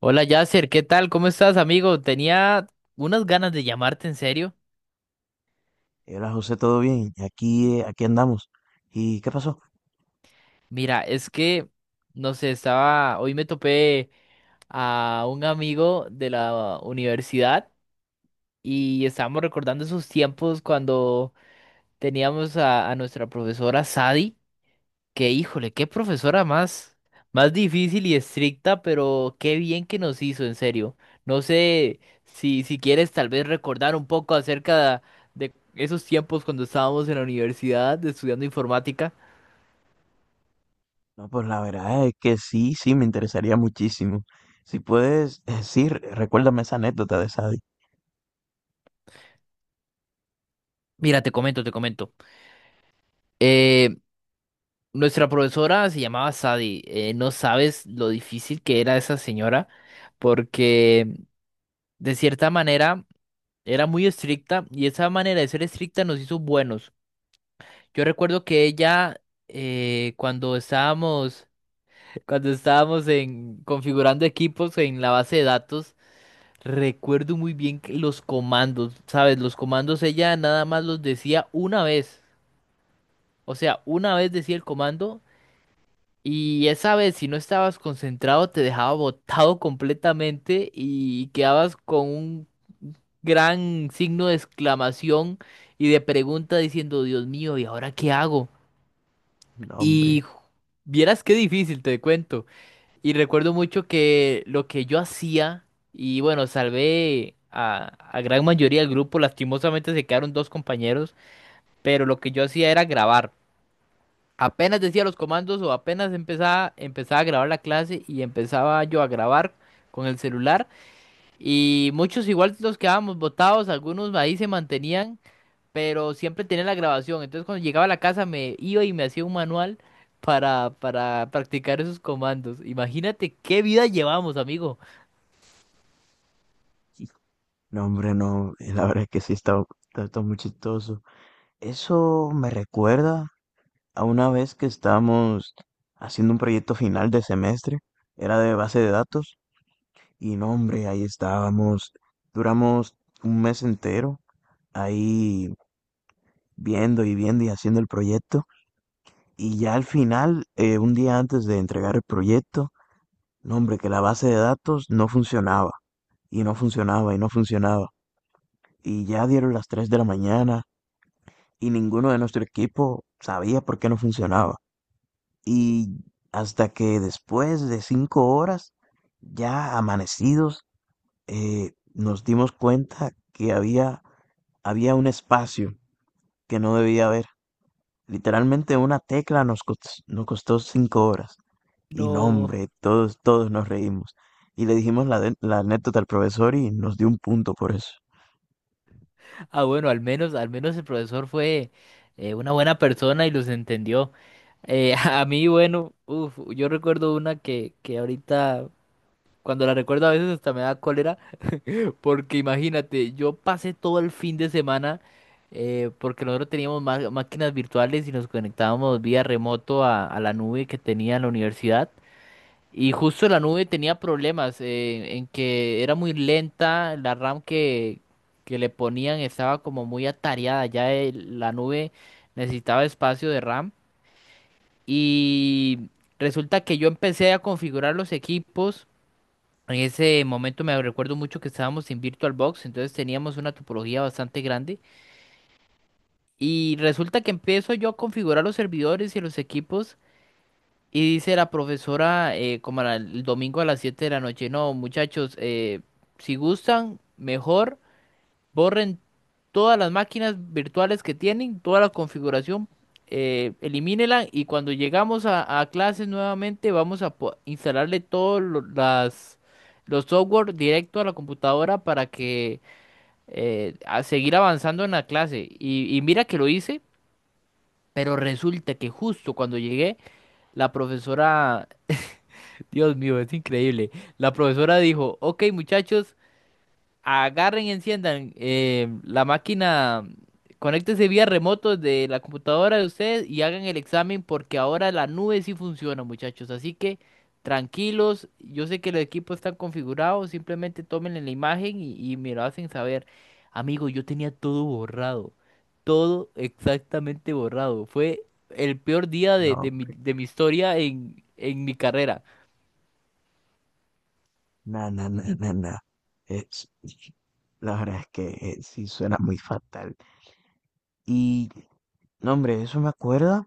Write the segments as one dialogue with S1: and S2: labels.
S1: Hola Yasser, ¿qué tal? ¿Cómo estás, amigo? Tenía unas ganas de llamarte en serio.
S2: Hola José, ¿todo bien? Aquí, aquí andamos. ¿Y qué pasó?
S1: Mira, es que, no sé, estaba, hoy me topé a un amigo de la universidad y estábamos recordando esos tiempos cuando teníamos a nuestra profesora Sadi. Que híjole, qué profesora más difícil y estricta, pero qué bien que nos hizo, en serio. No sé si quieres tal vez recordar un poco acerca de esos tiempos cuando estábamos en la universidad estudiando informática.
S2: No, pues la verdad es que sí, me interesaría muchísimo. Si puedes decir, recuérdame esa anécdota de Sadie.
S1: Mira, te comento, te comento. Eh, Nuestra profesora se llamaba Sadie. No sabes lo difícil que era esa señora, porque de cierta manera era muy estricta y esa manera de ser estricta nos hizo buenos. Yo recuerdo que ella, cuando estábamos, cuando estábamos en, configurando equipos en la base de datos, recuerdo muy bien que los comandos, ¿sabes? Los comandos ella nada más los decía una vez. O sea, una vez decía el comando y esa vez si no estabas concentrado te dejaba botado completamente y quedabas con un gran signo de exclamación y de pregunta diciendo, Dios mío, ¿y ahora qué hago?
S2: No,
S1: Y
S2: hombre,
S1: ju- Vieras qué difícil, te cuento. Y recuerdo mucho que lo que yo hacía, y bueno, salvé a gran mayoría del grupo, lastimosamente se quedaron dos compañeros, pero lo que yo hacía era grabar. Apenas decía los comandos o apenas empezaba, empezaba a grabar la clase y empezaba yo a grabar con el celular. Y muchos igual nos quedábamos botados, algunos ahí se mantenían pero siempre tenía la grabación. Entonces cuando llegaba a la casa me iba y me hacía un manual para practicar esos comandos. Imagínate qué vida llevamos, amigo.
S2: no, hombre, no, la verdad es que sí, está muy chistoso. Eso me recuerda a una vez que estábamos haciendo un proyecto final de semestre, era de base de datos, y no, hombre, ahí estábamos, duramos un mes entero ahí viendo y viendo y haciendo el proyecto. Y ya al final, un día antes de entregar el proyecto, no, hombre, que la base de datos no funcionaba, y no funcionaba, y no funcionaba. Y ya dieron las 3 de la mañana, y ninguno de nuestro equipo sabía por qué no funcionaba. Y hasta que después de 5 horas, ya amanecidos, nos dimos cuenta que había un espacio que no debía haber. Literalmente una tecla nos costó 5 horas. Y no,
S1: No.
S2: hombre, todos nos reímos. Y le dijimos la anécdota al profesor y nos dio un punto por eso.
S1: Ah, bueno, al menos el profesor fue una buena persona y los entendió. A mí, bueno, uf, yo recuerdo una que ahorita, cuando la recuerdo a veces hasta me da cólera. Porque imagínate, yo pasé todo el fin de semana porque nosotros teníamos máquinas virtuales y nos conectábamos vía remoto a la nube que tenía la universidad. Y justo la nube tenía problemas en que era muy lenta, la RAM que le ponían estaba como muy atareada, ya la nube necesitaba espacio de RAM. Y resulta que yo empecé a configurar los equipos. En ese momento me recuerdo mucho que estábamos en VirtualBox, entonces teníamos una topología bastante grande. Y resulta que empiezo yo a configurar los servidores y los equipos. Y dice la profesora, como era el domingo a las 7 de la noche, no, muchachos, si gustan, mejor. Borren todas las máquinas virtuales que tienen, toda la configuración, elimínela y cuando llegamos a clases nuevamente vamos a instalarle todos las, los software directo a la computadora para que a seguir avanzando en la clase. Y mira que lo hice, pero resulta que justo cuando llegué, la profesora, Dios mío, es increíble, la profesora dijo, ok muchachos, agarren y enciendan la máquina, conéctense vía remoto de la computadora de ustedes y hagan el examen porque ahora la nube sí funciona, muchachos. Así que tranquilos, yo sé que los equipos están configurados, simplemente tomen la imagen y me lo hacen saber. Amigo, yo tenía todo borrado, todo exactamente borrado. Fue el peor día
S2: No, hombre,
S1: de mi historia en mi carrera.
S2: na, na, na, na, na. Es, la verdad es que sí suena muy fatal. Y, no, hombre,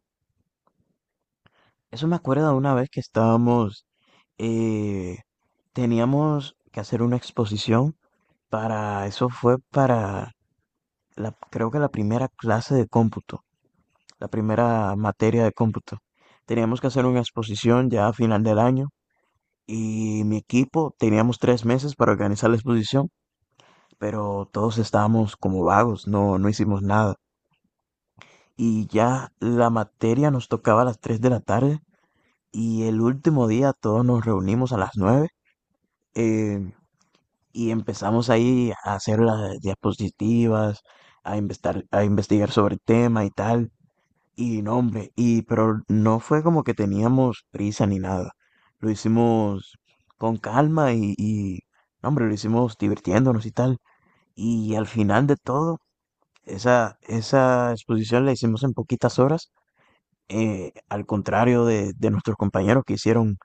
S2: eso me acuerda una vez que estábamos, eh, teníamos que hacer una exposición para, eso fue para, la, creo que la primera clase de cómputo. La primera materia de cómputo. Teníamos que hacer una exposición ya a final del año y mi equipo teníamos 3 meses para organizar la exposición, pero todos estábamos como vagos, no, no hicimos nada. Y ya la materia nos tocaba a las 3 de la tarde y el último día todos nos reunimos a las 9 eh, y empezamos ahí a hacer las diapositivas, a investigar sobre el tema y tal. Y no, hombre, y pero no fue como que teníamos prisa ni nada. Lo hicimos con calma y no, hombre, lo hicimos divirtiéndonos y tal. Y al final de todo, esa exposición la hicimos en poquitas horas, al contrario de nuestros compañeros que hicieron,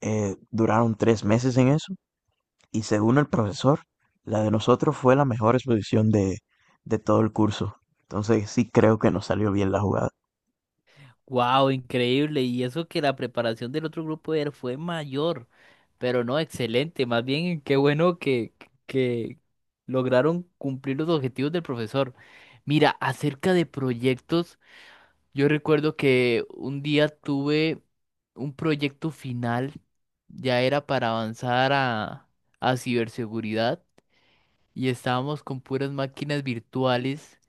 S2: duraron 3 meses en eso. Y según el profesor, la de nosotros fue la mejor exposición de todo el curso. Entonces sí creo que nos salió bien la jugada.
S1: Wow, increíble. Y eso que la preparación del otro grupo era, fue mayor. Pero no, excelente. Más bien, qué bueno que lograron cumplir los objetivos del profesor. Mira, acerca de proyectos, yo recuerdo que un día tuve un proyecto final, ya era para avanzar a ciberseguridad y estábamos con puras máquinas virtuales,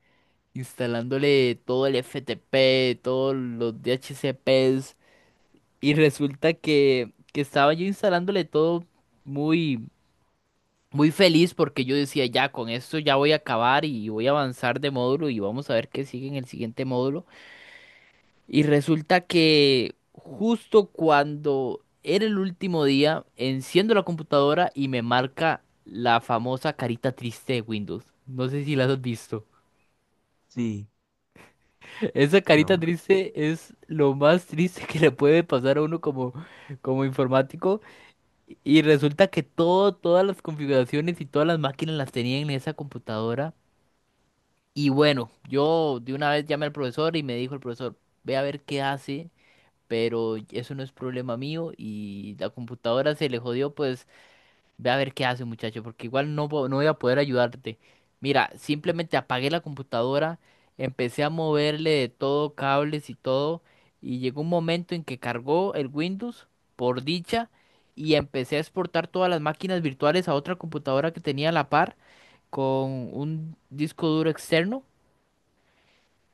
S1: instalándole todo el FTP, todos los DHCPs y resulta que estaba yo instalándole todo muy muy feliz porque yo decía, ya con esto ya voy a acabar y voy a avanzar de módulo y vamos a ver qué sigue en el siguiente módulo. Y resulta que justo cuando era el último día, enciendo la computadora y me marca la famosa carita triste de Windows. No sé si la has visto.
S2: Sí,
S1: Esa
S2: no,
S1: carita
S2: hombre,
S1: triste es lo más triste que le puede pasar a uno como, como informático. Y resulta que todo, todas las configuraciones y todas las máquinas las tenía en esa computadora. Y bueno, yo de una vez llamé al profesor y me dijo el profesor, ve a ver qué hace, pero eso no es problema mío y la computadora se le jodió, pues ve a ver qué hace muchacho, porque igual no, no voy a poder ayudarte. Mira, simplemente apagué la computadora, empecé a moverle de todo, cables y todo, y llegó un momento en que cargó el Windows, por dicha, y empecé a exportar todas las máquinas virtuales a otra computadora que tenía a la par con un disco duro externo.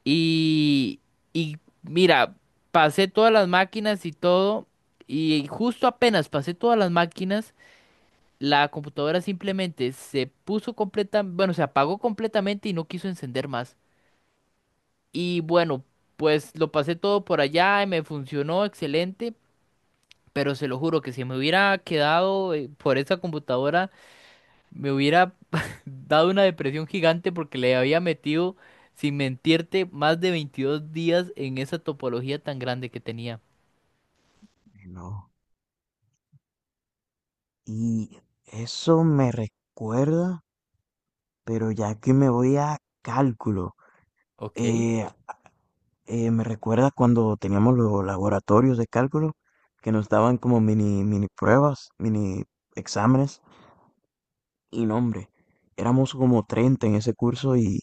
S1: Y, y mira, pasé todas las máquinas y todo, y justo apenas pasé todas las máquinas, la computadora simplemente se puso completa, bueno, se apagó completamente y no quiso encender más. Y bueno, pues lo pasé todo por allá y me funcionó excelente, pero se lo juro que si me hubiera quedado por esa computadora me hubiera dado una depresión gigante porque le había metido, sin mentirte, más de 22 días en esa topología tan grande que tenía.
S2: no. Y eso me recuerda, pero ya que me voy a cálculo,
S1: Ok.
S2: eh, me recuerda cuando teníamos los laboratorios de cálculo que nos daban como mini pruebas, mini exámenes. Y no, hombre, éramos como 30 en ese curso y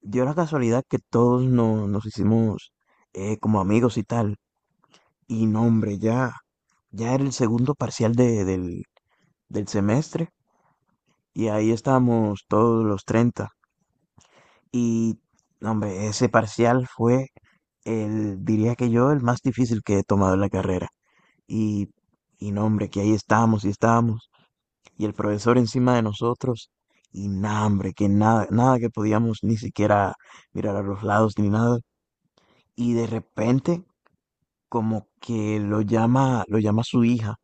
S2: dio la casualidad que todos no- nos hicimos como amigos y tal. Y no, hombre, ya era el segundo parcial del, del semestre y ahí estábamos todos los 30. Y, no, hombre, ese parcial fue el, diría que yo, el más difícil que he tomado en la carrera. Y, y no, hombre, que ahí estábamos y estábamos. Y el profesor encima de nosotros. Y nada, hombre, que nada, nada que podíamos ni siquiera mirar a los lados ni nada. Y de repente, como que lo llama su hija.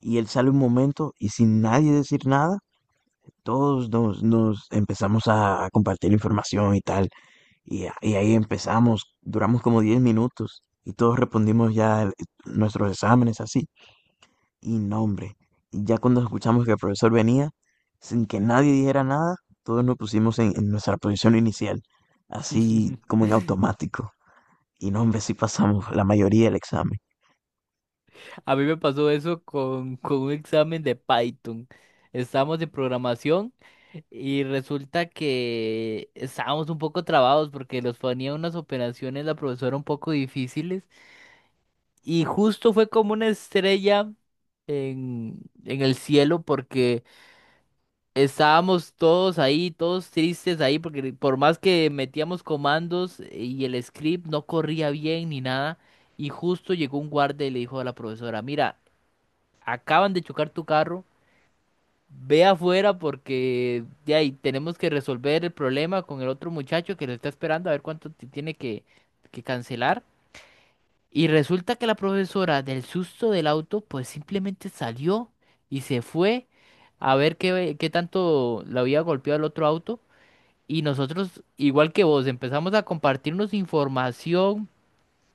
S2: Y él sale un momento y sin nadie decir nada, nos empezamos a compartir información y tal. Y ahí empezamos, duramos como 10 minutos y todos respondimos ya nuestros exámenes así. Y no, hombre, y ya cuando escuchamos que el profesor venía, sin que nadie dijera nada, todos nos pusimos en nuestra posición inicial, así como en automático. Y no, hombre, sí pasamos la mayoría del examen.
S1: A mí me pasó eso con un examen de Python. Estábamos de programación y resulta que estábamos un poco trabados porque nos ponía unas operaciones la profesora un poco difíciles y justo fue como una estrella en el cielo porque estábamos todos ahí, todos tristes ahí, porque por más que metíamos comandos y el script no corría bien ni nada, y justo llegó un guardia y le dijo a la profesora, mira, acaban de chocar tu carro, ve afuera porque de ahí tenemos que resolver el problema con el otro muchacho que lo está esperando a ver cuánto tiene que cancelar. Y resulta que la profesora del susto del auto, pues simplemente salió y se fue a ver qué, qué tanto la había golpeado el otro auto. Y nosotros, igual que vos, empezamos a compartirnos información,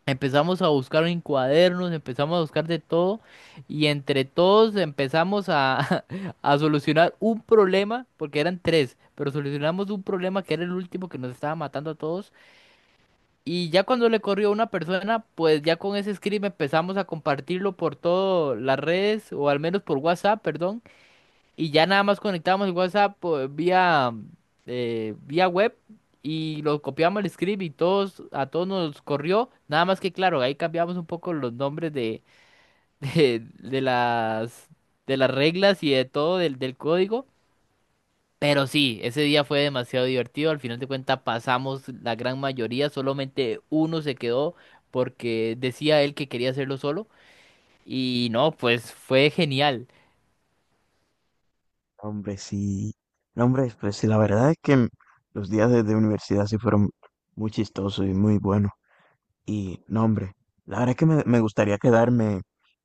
S1: empezamos a buscar en cuadernos, empezamos a buscar de todo, y entre todos empezamos a solucionar un problema, porque eran tres, pero solucionamos un problema que era el último que nos estaba matando a todos. Y ya cuando le corrió a una persona, pues ya con ese script empezamos a compartirlo por todas las redes, o al menos por WhatsApp, perdón y ya nada más conectábamos el WhatsApp pues, vía web y lo copiamos el script y todos, a todos nos corrió. Nada más que claro, ahí cambiamos un poco los nombres de, de, de las, de las reglas y de todo del, del código. Pero sí, ese día fue demasiado divertido. Al final de cuentas pasamos la gran mayoría, solamente uno se quedó porque decía él que quería hacerlo solo. Y no, pues fue genial.
S2: No, hombre, sí. No, hombre, pues sí, la verdad es que los días de universidad sí fueron muy chistosos y muy buenos. Y no, hombre, la verdad es que me gustaría quedarme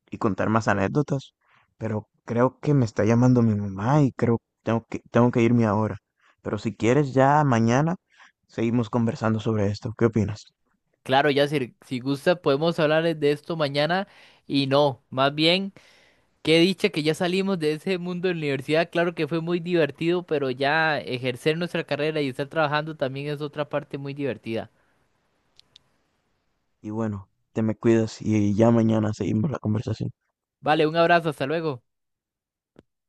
S2: y contar más anécdotas, pero creo que me está llamando mi mamá y creo tengo que irme ahora. Pero si quieres, ya mañana seguimos conversando sobre esto. ¿Qué opinas?
S1: Claro, Yacir, si gusta podemos hablar de esto mañana y no, más bien, qué dicha que ya salimos de ese mundo de la universidad, claro que fue muy divertido, pero ya ejercer nuestra carrera y estar trabajando también es otra parte muy divertida.
S2: Y bueno, te me cuidas y ya mañana seguimos la conversación.
S1: Vale, un abrazo, hasta luego.